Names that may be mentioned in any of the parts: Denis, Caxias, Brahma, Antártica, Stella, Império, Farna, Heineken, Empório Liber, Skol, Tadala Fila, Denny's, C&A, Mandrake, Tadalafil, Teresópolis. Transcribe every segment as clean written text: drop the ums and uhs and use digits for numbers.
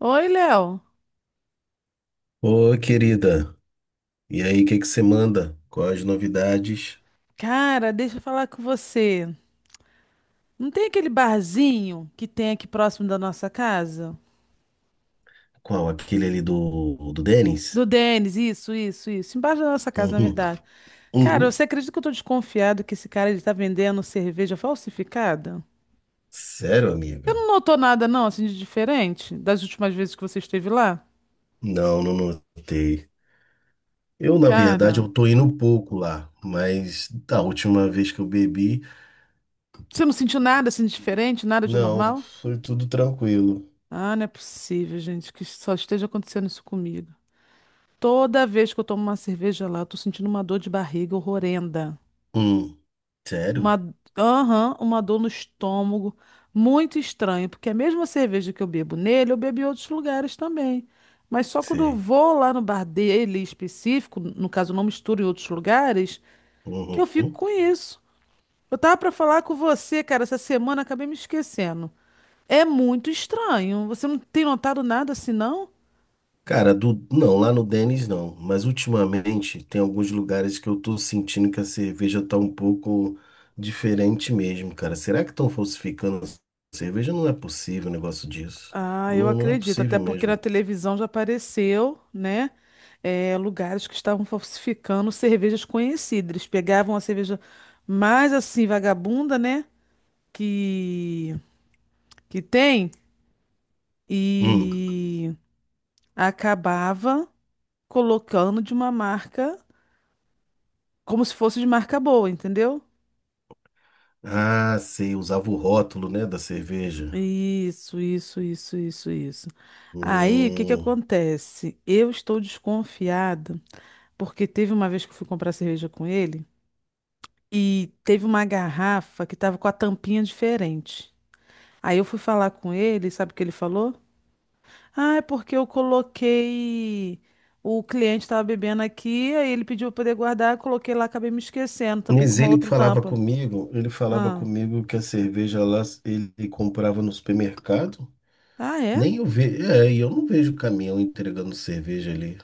Oi, Léo. Ô, querida, e aí, o que que você manda? Quais as novidades? Cara, deixa eu falar com você. Não tem aquele barzinho que tem aqui próximo da nossa casa? Qual? Aquele ali do Denis? Do Denis, isso, isso, isso. Embaixo da nossa casa, na Uhum. verdade. Cara, Uhum. você acredita que eu tô desconfiado que esse cara ele tá vendendo cerveja falsificada? Sério, Você amiga? não notou nada, não, assim, de diferente das últimas vezes que você esteve lá? Não, não notei. Eu, na verdade, Cara, eu tô indo um pouco lá, mas da última vez que eu bebi, você não sentiu nada assim de diferente, nada de não, anormal? foi tudo tranquilo. Ah, não é possível, gente, que só esteja acontecendo isso comigo. Toda vez que eu tomo uma cerveja lá, eu tô sentindo uma dor de barriga horrenda. Hum. Sério? Uma, aham, uma dor no estômago. Muito estranho, porque é a mesma cerveja que eu bebo nele, eu bebo em outros lugares também. Mas só quando eu Sei. vou lá no bar dele específico, no caso, eu não misturo em outros lugares, que eu fico Uhum. com isso. Eu tava pra falar com você, cara, essa semana acabei me esquecendo. É muito estranho. Você não tem notado nada assim, não? Cara, do... não, lá no Denny's não. Mas ultimamente tem alguns lugares que eu tô sentindo que a cerveja tá um pouco diferente mesmo, cara. Será que estão falsificando a cerveja? Não é possível um negócio disso. Ah, eu Não, não é acredito, até possível porque na mesmo. televisão já apareceu, né? Lugares que estavam falsificando cervejas conhecidas. Eles pegavam a cerveja mais assim, vagabunda, né? Que, que tem, Hum. e acabava colocando de uma marca, como se fosse de marca boa, entendeu? Ah, sei, usava o rótulo, né, da cerveja. Isso, isso, isso, isso, isso. Aí, o que que Hum. acontece? Eu estou desconfiada, porque teve uma vez que eu fui comprar cerveja com ele. E teve uma garrafa que estava com a tampinha diferente. Aí eu fui falar com ele, sabe o que ele falou? Ah, é porque eu coloquei. O cliente estava bebendo aqui, aí ele pediu para poder guardar, eu coloquei lá, acabei me esquecendo, tampei com Mas uma ele que outra falava tampa. comigo, ele falava Ah, comigo que a cerveja lá ele comprava no supermercado. ah é? Nem eu vejo, é, e eu não vejo caminhão entregando cerveja ali.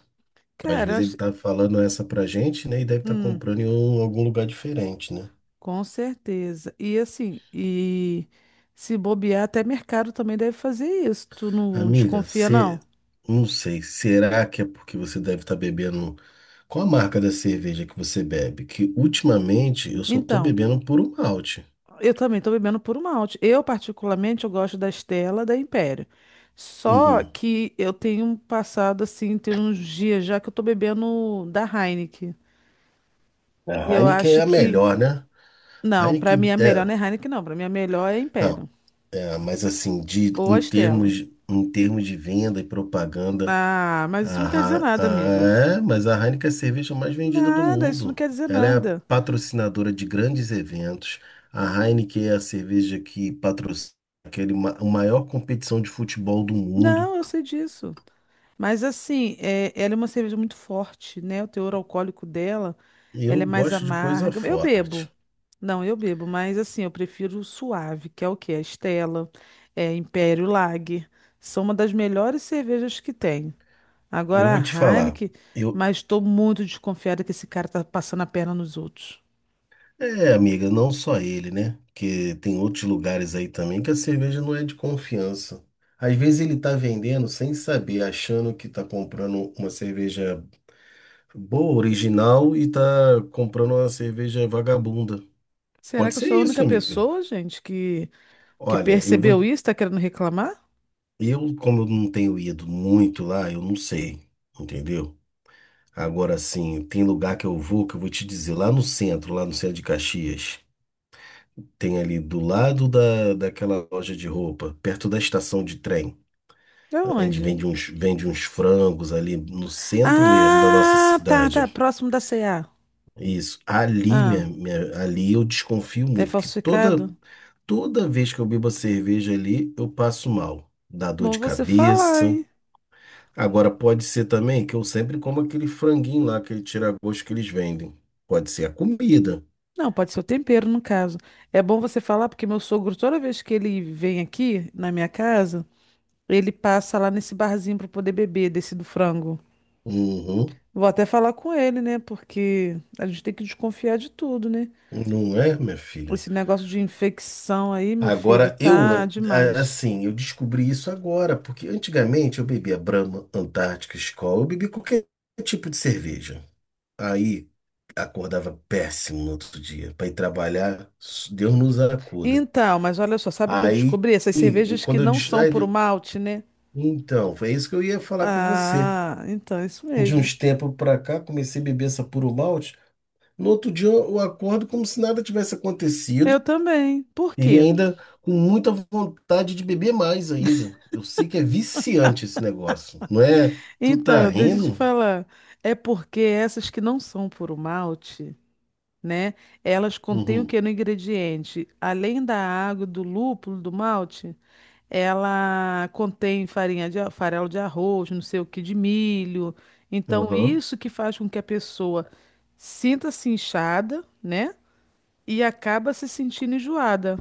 Às Cara, vezes ele tá falando essa pra gente, né? E deve estar hum, comprando algum lugar diferente, né? com certeza. E assim, e se bobear, até mercado também deve fazer isso. Tu não Amiga, desconfia, você. não? Não sei. Será que é porque você deve estar bebendo. Qual a marca da cerveja que você bebe? Que ultimamente eu só tô Então. bebendo puro malte. Eu também estou bebendo puro malte. Eu, particularmente, eu gosto da Stella da Império. Só Uhum. que eu tenho passado, assim, tem uns dias já que eu estou bebendo da Heineken. A E eu Heineken é acho a que... melhor, né? Não, para Heineken mim a melhor é. não é Heineken, não. Para mim a melhor é Não, Império. é, mas assim, Ou a Stella. Em termos de venda e propaganda. Ah, mas isso A não quer dizer Ha- nada, amigo. ah, É, mas a Heineken é a cerveja mais vendida do Nada, isso não mundo. quer dizer Ela é a nada. patrocinadora de grandes eventos. A Heineken é a cerveja que patrocina a maior competição de futebol do mundo. Não, eu sei disso. Mas assim, é, ela é uma cerveja muito forte, né? O teor alcoólico dela, Eu ela é mais gosto de coisa amarga. Eu bebo. forte. Não, eu bebo, mas assim, eu prefiro o suave, que é o quê? A Stella, é Império Lager. São uma das melhores cervejas que tem. Eu Agora vou te a falar. Heineken, Eu, mas estou muito desconfiada que esse cara tá passando a perna nos outros. é, amiga, não só ele, né? Porque tem outros lugares aí também que a cerveja não é de confiança. Às vezes ele tá vendendo sem saber, achando que tá comprando uma cerveja boa, original e tá comprando uma cerveja vagabunda. Será Pode que eu ser sou a isso, única amiga. pessoa, gente, que Olha, eu vou. percebeu isso, tá querendo reclamar? Eu, como eu não tenho ido muito lá, eu não sei, entendeu? Agora sim, tem lugar que eu vou te dizer, lá no centro de Caxias, tem ali do lado daquela loja de roupa, perto da estação de trem. É A gente onde? Vende uns frangos ali no centro mesmo da nossa Ah, tá, tá, cidade. próximo da C&A. Isso. Ali, Ah, ali eu desconfio é muito, que toda. falsificado? Toda vez que eu bebo a cerveja ali, eu passo mal. Dá dor Bom de você falar, cabeça. hein? Agora, pode ser também que eu sempre como aquele franguinho lá, aquele tira-gosto que eles vendem. Pode ser a comida. Não, pode ser o tempero, no caso. É bom você falar, porque meu sogro, toda vez que ele vem aqui na minha casa, ele passa lá nesse barzinho para poder beber desse do frango. Uhum. Vou até falar com ele, né? Porque a gente tem que desconfiar de tudo, né? Não é, minha filha? Esse negócio de infecção aí, meu filho, Agora, tá demais. assim, eu descobri isso agora, porque antigamente eu bebia Brahma, Antártica, Skol, eu bebia qualquer tipo de cerveja. Aí, acordava péssimo no outro dia. Para ir trabalhar, Deus nos acuda. Então, mas olha só, sabe o que eu Aí, descobri? Essas cervejas que quando eu não disse, são puro aí malte, né? então, foi isso que eu ia falar com você. Ah, então, isso De mesmo. uns tempos pra cá, comecei a beber essa puro malte. No outro dia, eu acordo como se nada tivesse Eu acontecido também. Por e quê? ainda com muita vontade de beber mais ainda. Eu sei que é viciante esse negócio, não é? Tu tá Então, deixa eu te rindo? falar. É porque essas que não são puro malte, né? Elas contêm o Uhum. que no ingrediente? Além da água, do lúpulo, do malte, ela contém farinha de farelo de arroz, não sei o que, de milho. Então, Uhum. isso que faz com que a pessoa sinta-se inchada, né? E acaba se sentindo enjoada.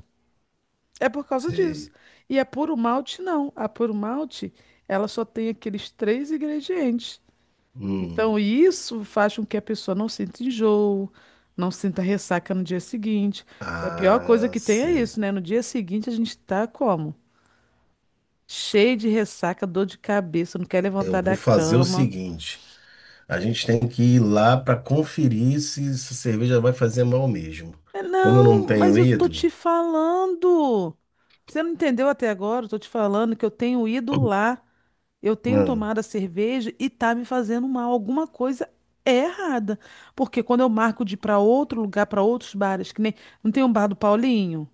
É por causa disso. Sei. E a puro malte, não. A puro malte, ela só tem aqueles três ingredientes. Hum. Então, isso faz com que a pessoa não sinta enjoo, não sinta ressaca no dia seguinte. Que a pior coisa Ah, que tem é sei. isso, né? No dia seguinte a gente tá como? Cheio de ressaca, dor de cabeça, não quer Eu levantar da vou fazer o cama. seguinte. A gente tem que ir lá para conferir se essa cerveja vai fazer mal mesmo. É, Como eu não não, mas tenho eu tô ido, te falando. Você não entendeu até agora? Eu tô te falando que eu tenho ido lá, eu tenho não, tomado a cerveja e tá me fazendo mal. Alguma coisa é errada. Porque quando eu marco de ir pra outro lugar, pra outros bares, que nem. Não tem um bar do Paulinho?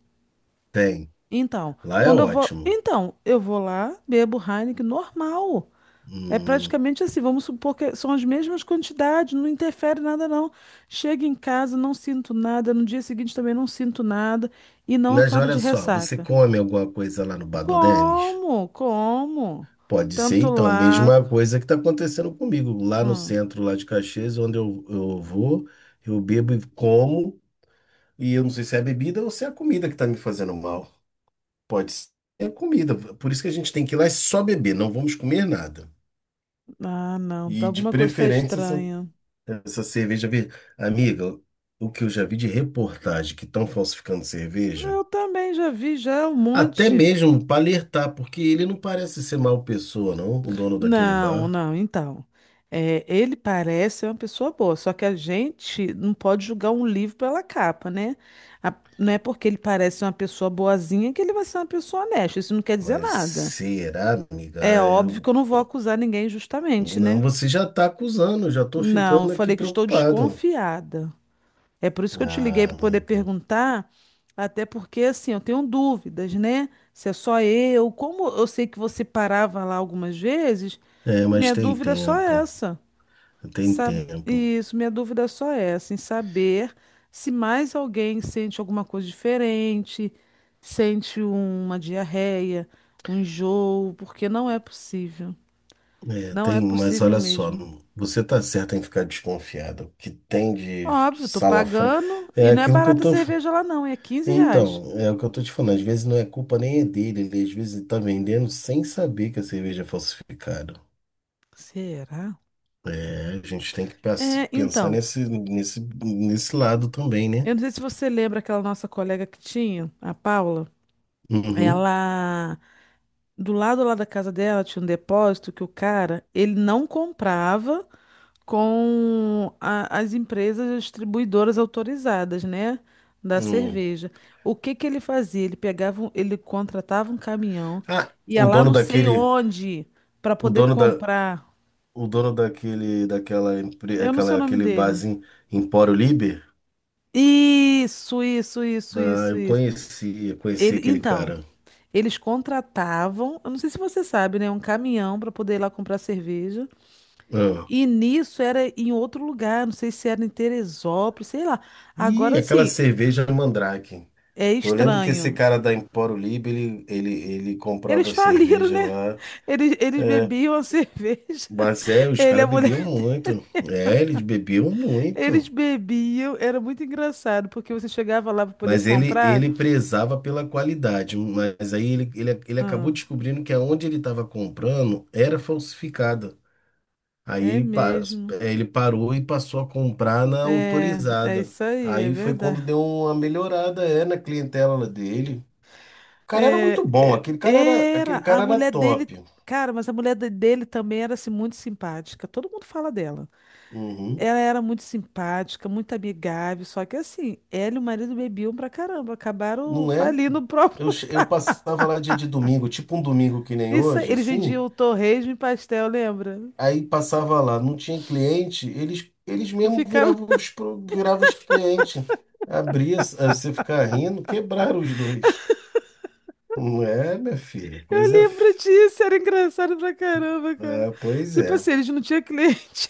tem. Então, Lá é quando eu vou, ótimo. então, eu vou lá, bebo Heineken normal. É Hum, praticamente assim, vamos supor que são as mesmas quantidades, não interfere nada não. Chego em casa, não sinto nada, no dia seguinte também não sinto nada e não mas acordo olha de só, você ressaca. come alguma coisa lá no Bar do Denis? Como? Como? Pode ser, Tanto então, a lá. mesma coisa que está acontecendo comigo. Lá no Hum. centro, lá de Caxias, onde eu vou, eu bebo e como, e eu não sei se é a bebida ou se é a comida que está me fazendo mal. Pode ser a comida. Por isso que a gente tem que ir lá e só beber, não vamos comer nada. Ah, não, E de alguma coisa está preferência estranha. essa cerveja verde. Amiga, o que eu já vi de reportagem que estão falsificando cerveja, Eu também já vi já um até monte. mesmo para alertar, porque ele não parece ser mal pessoa, não, o dono daquele Não, bar. não, então. É, ele parece ser uma pessoa boa, só que a gente não pode julgar um livro pela capa, né? Não é porque ele parece ser uma pessoa boazinha que ele vai ser uma pessoa honesta, isso não quer dizer Mas nada. será, amiga? É Ah, óbvio que eu... eu não vou acusar ninguém injustamente, Não, né? você já tá acusando, eu já tô Não, eu ficando aqui falei que estou preocupado. desconfiada. É por isso que eu te liguei Ah, para poder amiga. perguntar, até porque, assim, eu tenho dúvidas, né? Se é só eu, como eu sei que você parava lá algumas vezes, É, mas minha tem dúvida é só tempo. essa. Tem tempo. Isso, minha dúvida só é, assim, saber se mais alguém sente alguma coisa diferente, sente uma diarreia, um enjoo, porque não é possível. É, Não é tem, mas possível olha só, mesmo. você tá certo em ficar desconfiado. O que tem de Óbvio, tô salafra pagando e é não é aquilo que eu barata a tô. cerveja lá não, é R$ 15. Então, é o que eu tô te falando. Às vezes não é culpa nem é dele, ele às vezes tá vendendo sem saber que a cerveja é falsificada. Será? É, a gente tem que É, pensar então, nesse, nesse lado também, né? eu não sei se você lembra aquela nossa colega que tinha, a Paula. Uhum. Ela, do lado lá da casa dela tinha um depósito que o cara, ele não comprava com as empresas distribuidoras autorizadas, né, da Hum. cerveja. O que que ele fazia? Ele pegava, ele contratava um caminhão, Ah, ia o lá dono não sei daquele, onde para o poder dono da, comprar. o dono daquele, daquela, empre- Eu não sei aquela, o nome aquele dele. barzinho Empório Liber. Isso, isso, isso, Ah, isso, eu isso. conheci, eu conheci Ele, aquele então, cara. eles contratavam, eu não sei se você sabe, né, um caminhão para poder ir lá comprar cerveja. Ah, E nisso era em outro lugar, não sei se era em Teresópolis, sei lá. e Agora aquela sim, cerveja Mandrake. é Eu lembro que estranho. esse cara da Empório Libre, ele Eles comprava faliram, cerveja né? lá. Eles É, bebiam a cerveja. mas é, os Ele, e a caras bebiam mulher, muito. É, eles bebiam eles muito. bebiam. Era muito engraçado, porque você chegava lá para poder Mas ele, comprar. ele prezava pela qualidade. Mas aí ele Ah, acabou descobrindo que aonde ele estava comprando era falsificada. Aí é mesmo. ele parou e passou a comprar na É, é autorizada. isso aí, é Aí foi quando verdade. deu uma melhorada, é, na clientela dele. O cara era É, muito bom, é, era aquele a cara era mulher dele. top. Cara, mas a mulher dele também era assim, muito simpática. Todo mundo fala dela. Uhum. Ela era muito simpática, muito amigável. Só que assim, ela e o marido bebiam pra caramba. Acabaram Não é? falindo o próprio. Eu passava lá dia de domingo, tipo um domingo que nem Isso aí, hoje, eles assim. vendiam torresmo e pastel, lembra? Aí passava lá, não tinha cliente, eles mesmo Ficava. viravam os, pro- viravam os clientes. Abria, você ficar rindo, quebraram os dois. Não é, minha filha? Eu lembro disso, era engraçado pra caramba, cara. Ah, pois Tipo é. assim, eles não tinham cliente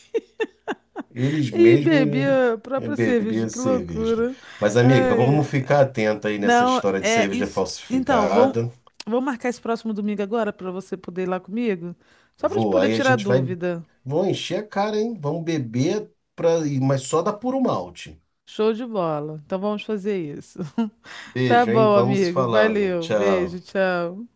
Eles e mesmos bebia a é, própria cerveja, bebiam que cerveja. loucura. Mas, amiga, vamos Ai, ficar atenta aí nessa não, história de é cerveja isso. Então, vamos, falsificada. vamos marcar esse próximo domingo agora pra você poder ir lá comigo? Só pra te Vou, poder aí a tirar gente vai. dúvida. Vão encher a cara, hein? Vamos beber, pra... mas só da puro malte. Show de bola. Então vamos fazer isso. Tá Beijo, hein? bom, Vamos amigo. falando. Valeu. Tchau. Beijo, tchau.